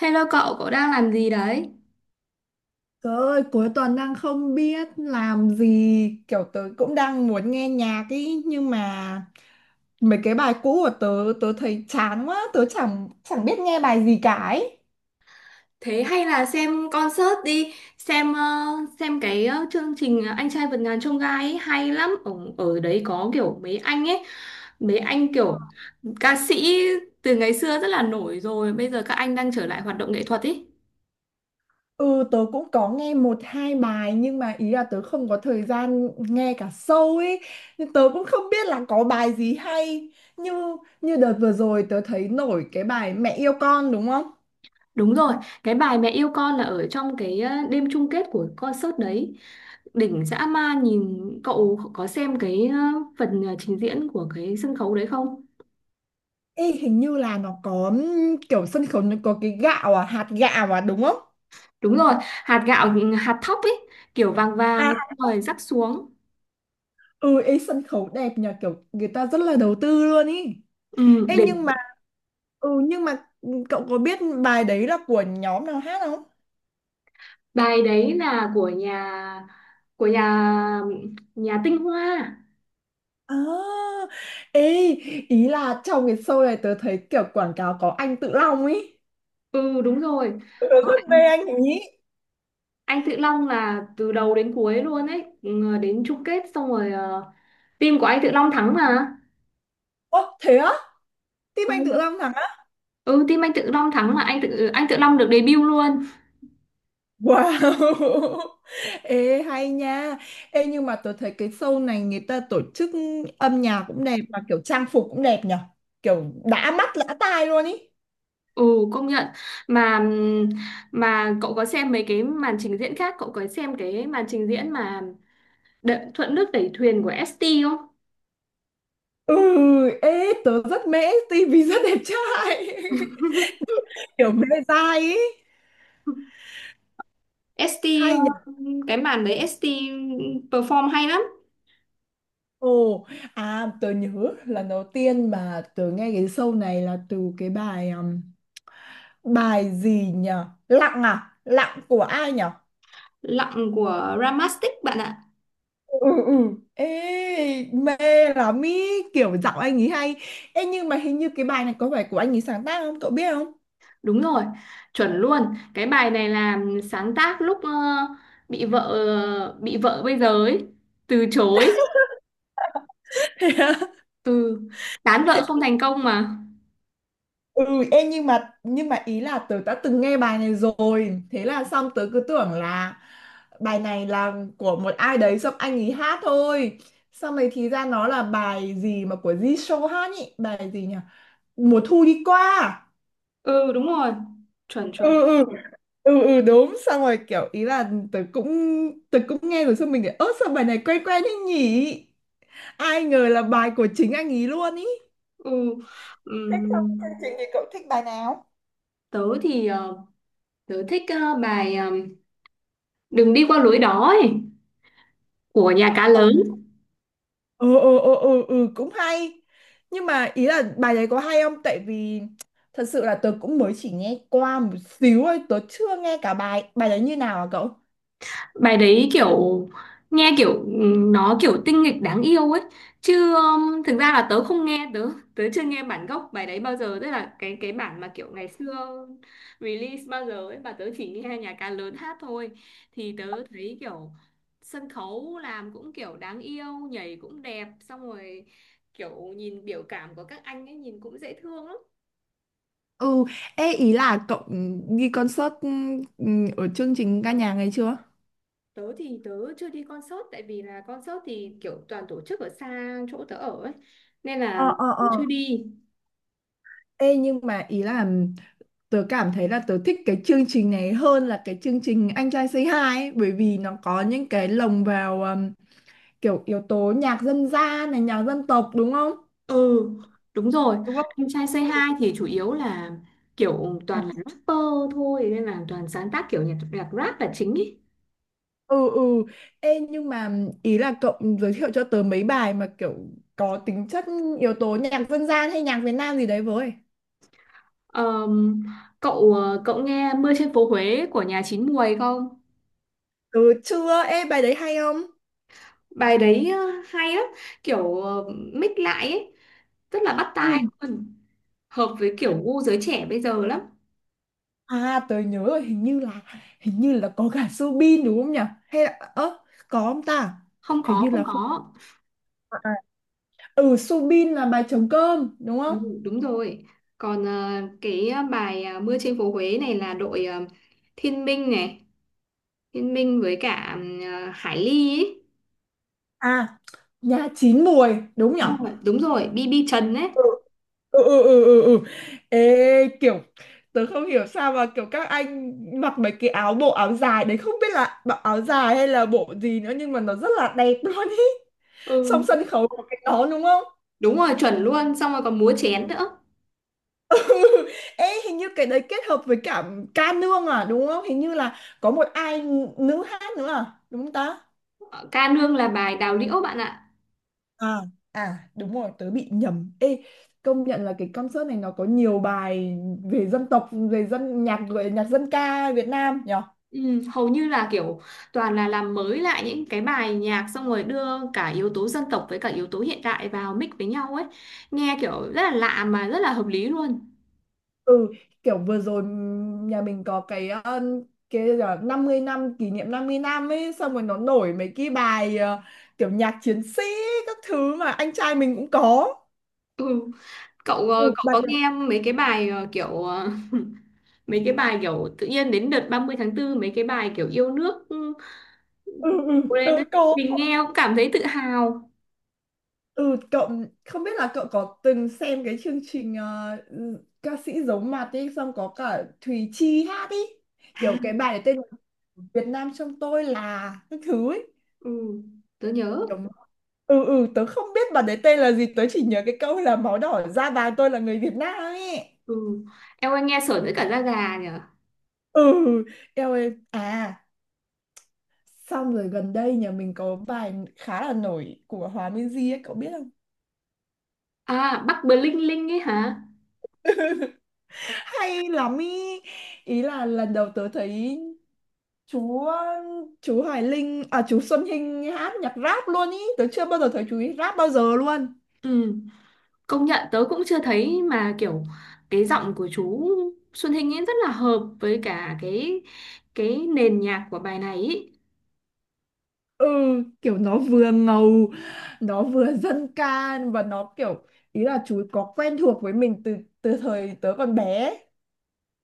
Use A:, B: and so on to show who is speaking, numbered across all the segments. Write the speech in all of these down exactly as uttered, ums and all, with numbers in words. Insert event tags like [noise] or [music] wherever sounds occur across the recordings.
A: Hello cậu, cậu đang làm gì đấy?
B: Trời ơi, cuối tuần đang không biết làm gì, kiểu tớ cũng đang muốn nghe nhạc ý, nhưng mà mấy cái bài cũ của tớ, tớ thấy chán quá, tớ chẳng chẳng biết nghe bài gì cả ấy.
A: Thế hay là xem concert đi, xem ờ, xem cái ờ, chương trình ờ, Anh trai vượt ngàn chông gai ấy, hay lắm. Ở, ở đấy có kiểu mấy anh ấy, mấy anh kiểu ca sĩ từ ngày xưa rất là nổi rồi, bây giờ các anh đang trở lại hoạt động nghệ thuật ấy.
B: Ừ, tớ cũng có nghe một hai bài nhưng mà ý là tớ không có thời gian nghe cả show ấy, nên tớ cũng không biết là có bài gì hay. Như như đợt vừa rồi tớ thấy nổi cái bài Mẹ yêu con đúng không?
A: Đúng rồi, cái bài Mẹ yêu con là ở trong cái ờ, đêm chung kết của concert đấy. Đỉnh dã man, nhìn cậu có xem cái ờ, phần ờ, trình diễn của cái sân khấu đấy không?
B: Ê, hình như là nó có ừm, kiểu sân khấu nó có cái gạo à, hạt gạo à đúng không?
A: Đúng rồi, hạt gạo hạt thóc ấy kiểu vàng vàng xong rồi rắc xuống.
B: Ừ, ý sân khấu đẹp nhờ, kiểu người ta rất là đầu tư luôn ý.
A: Ừ,
B: Ê,
A: đỉnh.
B: nhưng mà ừ nhưng mà ừ, cậu có biết bài đấy là của nhóm nào hát không?
A: Bài đấy là của nhà của nhà nhà Tinh Hoa.
B: À, ê, ý là trong cái show này tớ thấy kiểu quảng cáo có anh Tự Long ý.
A: Ừ, đúng rồi.
B: Tớ
A: Có
B: rất mê
A: anh,
B: anh ý.
A: anh Tự Long là từ đầu đến cuối luôn ấy, ừ, đến chung kết xong rồi ờ, team của anh Tự Long thắng mà.
B: Ồ, thế á? Team anh Tự
A: Ừ,
B: Long thắng á?
A: ừ, team anh Tự Long thắng mà anh Tự anh Tự Long được debut luôn.
B: Wow. [laughs] Ê hay nha. Ê nhưng mà tớ thấy cái show này người ta tổ chức âm nhạc cũng đẹp, mà kiểu trang phục cũng đẹp nhở. Kiểu đã mắt lã tai luôn ý.
A: Ừ, công nhận. Mà mà cậu có xem mấy cái màn trình diễn khác, cậu có xem cái màn trình diễn mà Đợ- Thuận nước đẩy thuyền của ét tê không?
B: Ừ, ê tớ rất mê, tivi rất đẹp trai.
A: [laughs]
B: [laughs] Kiểu mê dai ý,
A: ét tê ờ,
B: hay nhỉ.
A: cái màn đấy ét tê perform hay lắm.
B: Ồ, à tớ nhớ lần đầu tiên mà tớ nghe cái show này là từ cái bài um, bài gì nhỉ, lặng à, lặng của ai nhỉ.
A: Lặng của Ramastic bạn ạ.
B: Ừ, ừ, ê mê lắm ý, kiểu giọng anh ấy hay. Ê, nhưng mà hình như cái bài này có phải của anh ấy sáng tác không, cậu biết không?
A: Đúng rồi, chuẩn luôn. Cái bài này là sáng tác lúc ờ, bị vợ bị vợ bây giờ ấy từ chối,
B: [laughs]
A: từ tán vợ không thành công mà.
B: Ừ, em, nhưng mà nhưng mà ý là tớ đã từng nghe bài này rồi, thế là xong tớ cứ tưởng là bài này là của một ai đấy xong anh ấy hát thôi. Xong rồi thì ra nó là bài gì mà của Jisoo hát nhỉ, bài gì nhỉ, mùa thu đi qua à?
A: Ừ, đúng rồi, chuẩn
B: Ừ,
A: chuẩn.
B: ừ, ừ, ừ đúng, xong rồi kiểu ý là tớ cũng tớ cũng nghe rồi, xong mình để ớt sao bài này quen quen thế nhỉ, ai ngờ là bài của chính anh ý luôn ý.
A: Ừ.
B: Thế xong chương trình
A: Ừm,
B: thì cậu thích bài nào?
A: Tớ thì ờ, tớ thích ờ, bài ờ, Đừng đi qua lối đó ấy của nhà cá lớn.
B: Ừ, ừ, ừ, ừ, ừ, cũng hay, nhưng mà ý là bài đấy có hay không, tại vì thật sự là tớ cũng mới chỉ nghe qua một xíu thôi, tớ chưa nghe cả bài, bài đấy như nào à cậu?
A: Bài đấy kiểu nghe kiểu ừm, nó kiểu tinh nghịch đáng yêu ấy chứ ừm, thực ra là tớ không nghe, tớ tớ chưa nghe bản gốc bài đấy bao giờ, tức là cái cái bản mà kiểu ngày xưa release bao giờ ấy, mà tớ chỉ nghe nhà ca lớn hát thôi. Thì tớ thấy kiểu sân khấu làm cũng kiểu đáng yêu, nhảy cũng đẹp xong rồi kiểu nhìn biểu cảm của các anh ấy nhìn cũng dễ thương lắm.
B: Ừ, ê ý là cậu đi concert, ừ, ở chương trình ca nhạc này chưa?
A: Tớ thì tớ chưa đi concert tại vì là concert thì kiểu toàn tổ chức ở xa chỗ tớ ở ấy nên là
B: Ờ, ờ,
A: tớ
B: ờ.
A: chưa đi.
B: Ê nhưng mà ý là tớ cảm thấy là tớ thích cái chương trình này hơn là cái chương trình Anh trai Say Hi ấy, bởi vì nó có những cái lồng vào um, kiểu yếu tố nhạc dân gian này, nhạc dân tộc đúng không?
A: Ừ, đúng rồi.
B: Đúng không?
A: Anh trai Say Hi thì chủ yếu là kiểu toàn là rapper thôi nên là toàn sáng tác kiểu nhạc nhạc rap là chính ý.
B: Ừ, ừ, ê nhưng mà ý là cậu giới thiệu cho tớ mấy bài mà kiểu có tính chất yếu tố nhạc dân gian hay nhạc Việt Nam gì đấy với.
A: Ờm, cậu ờ, cậu nghe Mưa trên phố Huế của nhà Chín Muồi không?
B: Ừ chưa, ê bài đấy hay không?
A: Bài đấy ờ, hay lắm, kiểu ờ, mix lại ấy, rất là bắt
B: Ừ.
A: tai luôn. Hợp với kiểu gu giới trẻ bây giờ lắm.
B: À tớ nhớ rồi, hình như là hình như là có cả Subin đúng không nhỉ, hay là ơ, có không ta,
A: Không
B: hình
A: có,
B: như
A: không
B: là không.
A: có.
B: À, à. Ừ, Subin là bài trống cơm đúng không?
A: Ừ, đúng rồi. Còn ờ, cái ờ, bài ờ, Mưa trên phố Huế này là đội ờ, Thiên Minh này, Thiên Minh với cả ờ, Hải Ly ấy.
B: À, nhà chín muồi đúng nhỉ.
A: Đúng rồi, đúng rồi, bi bi Trần ấy.
B: Ừ, ừ, ừ, ừ, ừ. Ừ. Ê kiểu tớ không hiểu sao mà kiểu các anh mặc mấy cái áo, bộ áo dài đấy, không biết là bộ áo dài hay là bộ gì nữa, nhưng mà nó rất là đẹp [laughs] luôn ý. Xong
A: Ừ,
B: sân khấu có cái đó đúng không?
A: đúng rồi, chuẩn luôn, xong rồi còn múa chén nữa.
B: [laughs] Ê hình như cái đấy kết hợp với cả ca nương à đúng không, hình như là có một ai nữ hát nữa à đúng không ta?
A: Ờ, Ca nương là bài Đào Liễu bạn ạ.
B: À, à đúng rồi tớ bị nhầm. Ê công nhận là cái concert này nó có nhiều bài về dân tộc, về dân nhạc, gọi là nhạc dân ca Việt Nam nhỉ.
A: Ừ, hầu như là kiểu toàn là làm mới lại những cái bài nhạc xong rồi đưa cả yếu tố dân tộc với cả yếu tố hiện đại vào mix với nhau ấy. Nghe kiểu rất là lạ mà rất là hợp lý luôn.
B: Ừ, kiểu vừa rồi ừm, nhà mình có cái ờ, cái là năm mươi năm, kỷ niệm năm mươi năm ấy, xong rồi nó nổi mấy cái bài ờ, kiểu nhạc chiến sĩ các thứ mà anh trai mình cũng có.
A: Ừ. Cậu
B: Ừ,
A: ờ, cậu
B: bài.
A: có nghe mấy cái bài ờ, kiểu ờ, mấy cái bài kiểu tự nhiên đến đợt ba mươi tháng tư mấy cái bài kiểu yêu nước, ừ,
B: Ừ, ừ tớ
A: lên đấy.
B: có.
A: Mình nghe cũng cảm thấy tự hào.
B: Ừ, cậu không biết là cậu có từng xem cái chương trình ờ, ừ, ca sĩ giấu mặt ấy, xong có cả Thùy Chi hát ấy, kiểu
A: À,
B: cái bài này tên là Việt Nam trong tôi là các thứ ấy.
A: ừ, tớ nhớ.
B: Ừ, ừ tớ không biết bà đấy tên là gì, tớ chỉ nhớ cái câu là máu đỏ da vàng tôi là người Việt Nam ấy.
A: Ừ. Em ơi nghe sởn tới cả da gà nhỉ.
B: Ừ, eo ơi, à xong rồi gần đây nhà mình có bài khá là nổi của Hòa Minzy ấy, cậu biết không,
A: À, Bắc Bling Linh ấy hả?
B: hay lắm ý. Ý là lần đầu tớ thấy chú chú Hoài Linh, à chú Xuân Hinh hát nhạc rap luôn ý, tớ chưa bao giờ thấy chú ấy rap bao giờ luôn.
A: Ừ, công nhận tớ cũng chưa thấy mà kiểu cái giọng của chú Xuân Hinh ấy rất là hợp với cả cái cái nền nhạc của bài này ý.
B: Ừ, kiểu nó vừa ngầu, nó vừa dân ca và nó kiểu ý là chú ấy có quen thuộc với mình từ từ thời tớ còn bé ấy.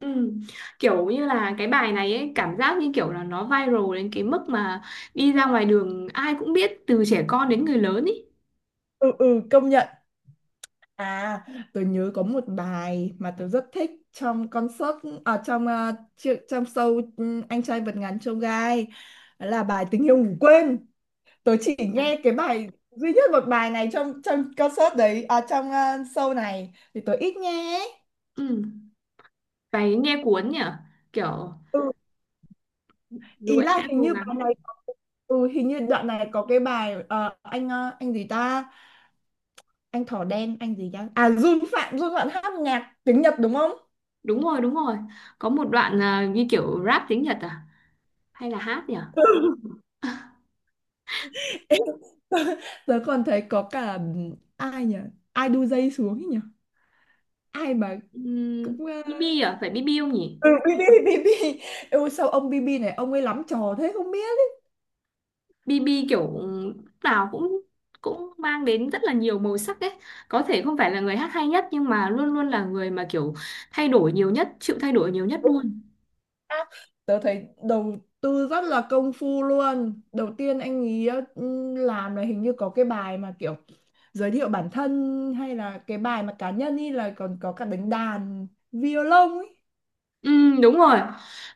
A: Ừ. Kiểu như là cái bài này ấy, cảm giác như kiểu là nó viral đến cái mức mà đi ra ngoài đường ai cũng biết từ trẻ con đến người lớn ý.
B: Ừ, ừ công nhận. À tớ nhớ có một bài mà tớ rất thích trong concert, ở trong ờ, chi- trong show, ừ, anh trai vượt ngàn chông gai, đó là bài tình yêu ngủ quên. Tớ chỉ
A: À.
B: nghe cái bài duy nhất một bài này trong trong concert đấy à, trong ờ, show này thì tớ ít nghe ấy.
A: Ừ. Bài nghe cuốn nhỉ? Kiểu
B: Ừ,
A: dù
B: ý
A: em
B: là
A: đã
B: hình
A: cố
B: như
A: gắng.
B: bài này ừ, hình như đoạn này có cái bài ờ, anh ờ, anh gì ta, anh thỏ đen anh gì ta, à Jun Phạm Jun Phạm hát nhạc tiếng Nhật đúng không?
A: Đúng rồi, đúng rồi. Có một đoạn à, như kiểu rap tiếng Nhật à? Hay là hát nhỉ?
B: [laughs] Em, tớ còn thấy có cả ai nhỉ, ai đu dây xuống ấy nhỉ, ai mà
A: Ừ.
B: cũng ờ,
A: bê bê à? Phải bi bi không nhỉ?
B: ừ, bê bê, bê bê, ừ, sao ông bê bê này ông ấy lắm trò thế không biết.
A: bê bê kiểu nào cũng cũng mang đến rất là nhiều màu sắc ấy. Có thể không phải là người hát hay nhất nhưng mà luôn luôn là người mà kiểu thay đổi nhiều nhất, chịu thay đổi nhiều nhất
B: Đúng rồi.
A: luôn.
B: À, tớ thấy đầu tư rất là công phu luôn, đầu tiên anh ý ừ, làm là hình như có cái bài mà kiểu giới thiệu bản thân, hay là cái bài mà cá nhân ý, là còn có cả đánh đàn violon ấy.
A: Ừ, đúng rồi.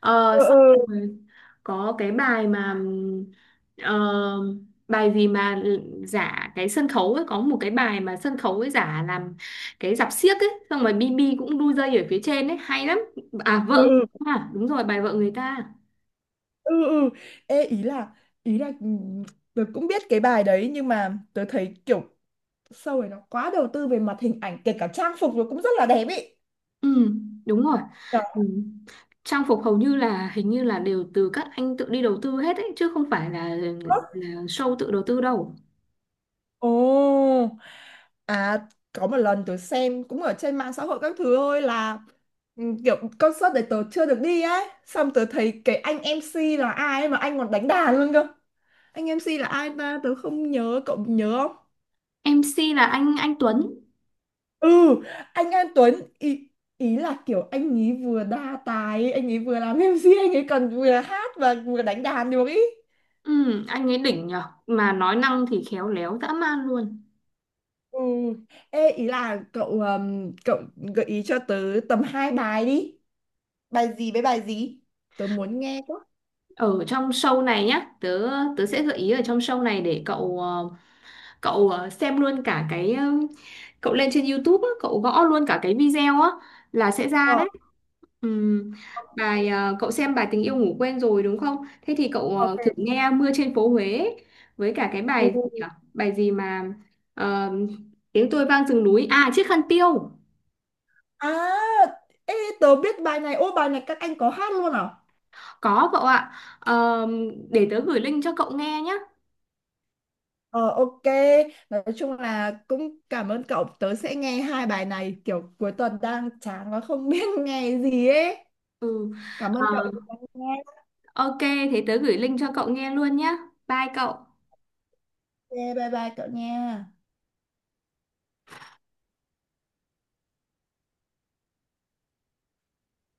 A: Ờ,
B: Ừ,
A: xong rồi có cái bài mà ừm, ờ, bài gì mà giả cái sân khấu ấy, có một cái bài mà sân khấu ấy giả làm cái rạp xiếc ấy xong rồi bi bi cũng đu dây ở phía trên ấy hay lắm. À,
B: ừ,
A: vợ người
B: ừ,
A: ta, à, đúng rồi, bài vợ người ta.
B: ừ, ừ. Ê, ý là ý là ừ, tớ cũng biết cái bài đấy nhưng mà tớ thấy kiểu show này nó quá đầu tư về mặt hình ảnh, kể cả trang phục nó cũng rất là đẹp ý.
A: Ừ, đúng rồi.
B: Đó.
A: Ừ. Trang phục hầu như là, hình như là, đều từ các anh tự đi đầu tư hết ấy chứ không phải là, là show tự đầu tư đâu.
B: Ồ. À, có một lần tớ xem cũng ở trên mạng xã hội các thứ thôi, là ừ, kiểu concert đấy tớ chưa được đi ấy. Xong tớ thấy cái anh em xê là ai ấy mà anh còn đánh đàn luôn cơ. Anh em si là ai ta? Tớ không nhớ, cậu nhớ không?
A: em xê là anh anh Tuấn.
B: Ừ, anh An Tuấn ý, ý là kiểu anh ấy vừa đa tài, anh ấy vừa làm [laughs] em xê, anh ấy còn vừa hát và vừa đánh đàn được ý.
A: Ừ, anh ấy đỉnh nhở mà nói năng thì khéo léo dã man luôn.
B: Ừ. Ê, ý là cậu, ừm, cậu gợi ý cho tớ tầm hai bài đi. Bài gì với bài gì? Tớ muốn nghe quá.
A: Ở trong show này nhá, tớ tớ sẽ gợi ý ở trong show này để cậu ờ, cậu ờ, xem luôn cả cái ờ, cậu lên trên YouTube á, cậu gõ luôn cả cái video á là sẽ ra
B: Ờ,
A: đấy. Ừm, bài
B: em
A: ờ, Cậu xem bài tình yêu ngủ quên rồi đúng không? Thế thì cậu
B: có
A: ờ,
B: thể
A: thử nghe mưa trên phố Huế ấy, với cả cái bài gì nhỉ?
B: ừ.
A: Bài gì mà ờ, tiếng tôi vang rừng núi à chiếc khăn tiêu?
B: À, ê, tớ biết bài này. Ô, bài này các anh có hát luôn à?
A: Có cậu ạ. Ờ, để tớ gửi link cho cậu nghe nhé.
B: Ờ, ok. Nói chung là cũng cảm ơn cậu. Tớ sẽ nghe hai bài này. Kiểu cuối tuần đang chán và không biết [laughs] nghe gì ấy.
A: Ừ.
B: Cảm ơn
A: Ờ,
B: cậu đã lắng nghe.
A: ok, thế tớ gửi link cho cậu nghe luôn nhé. Bye cậu.
B: Ok, bye bye cậu nha.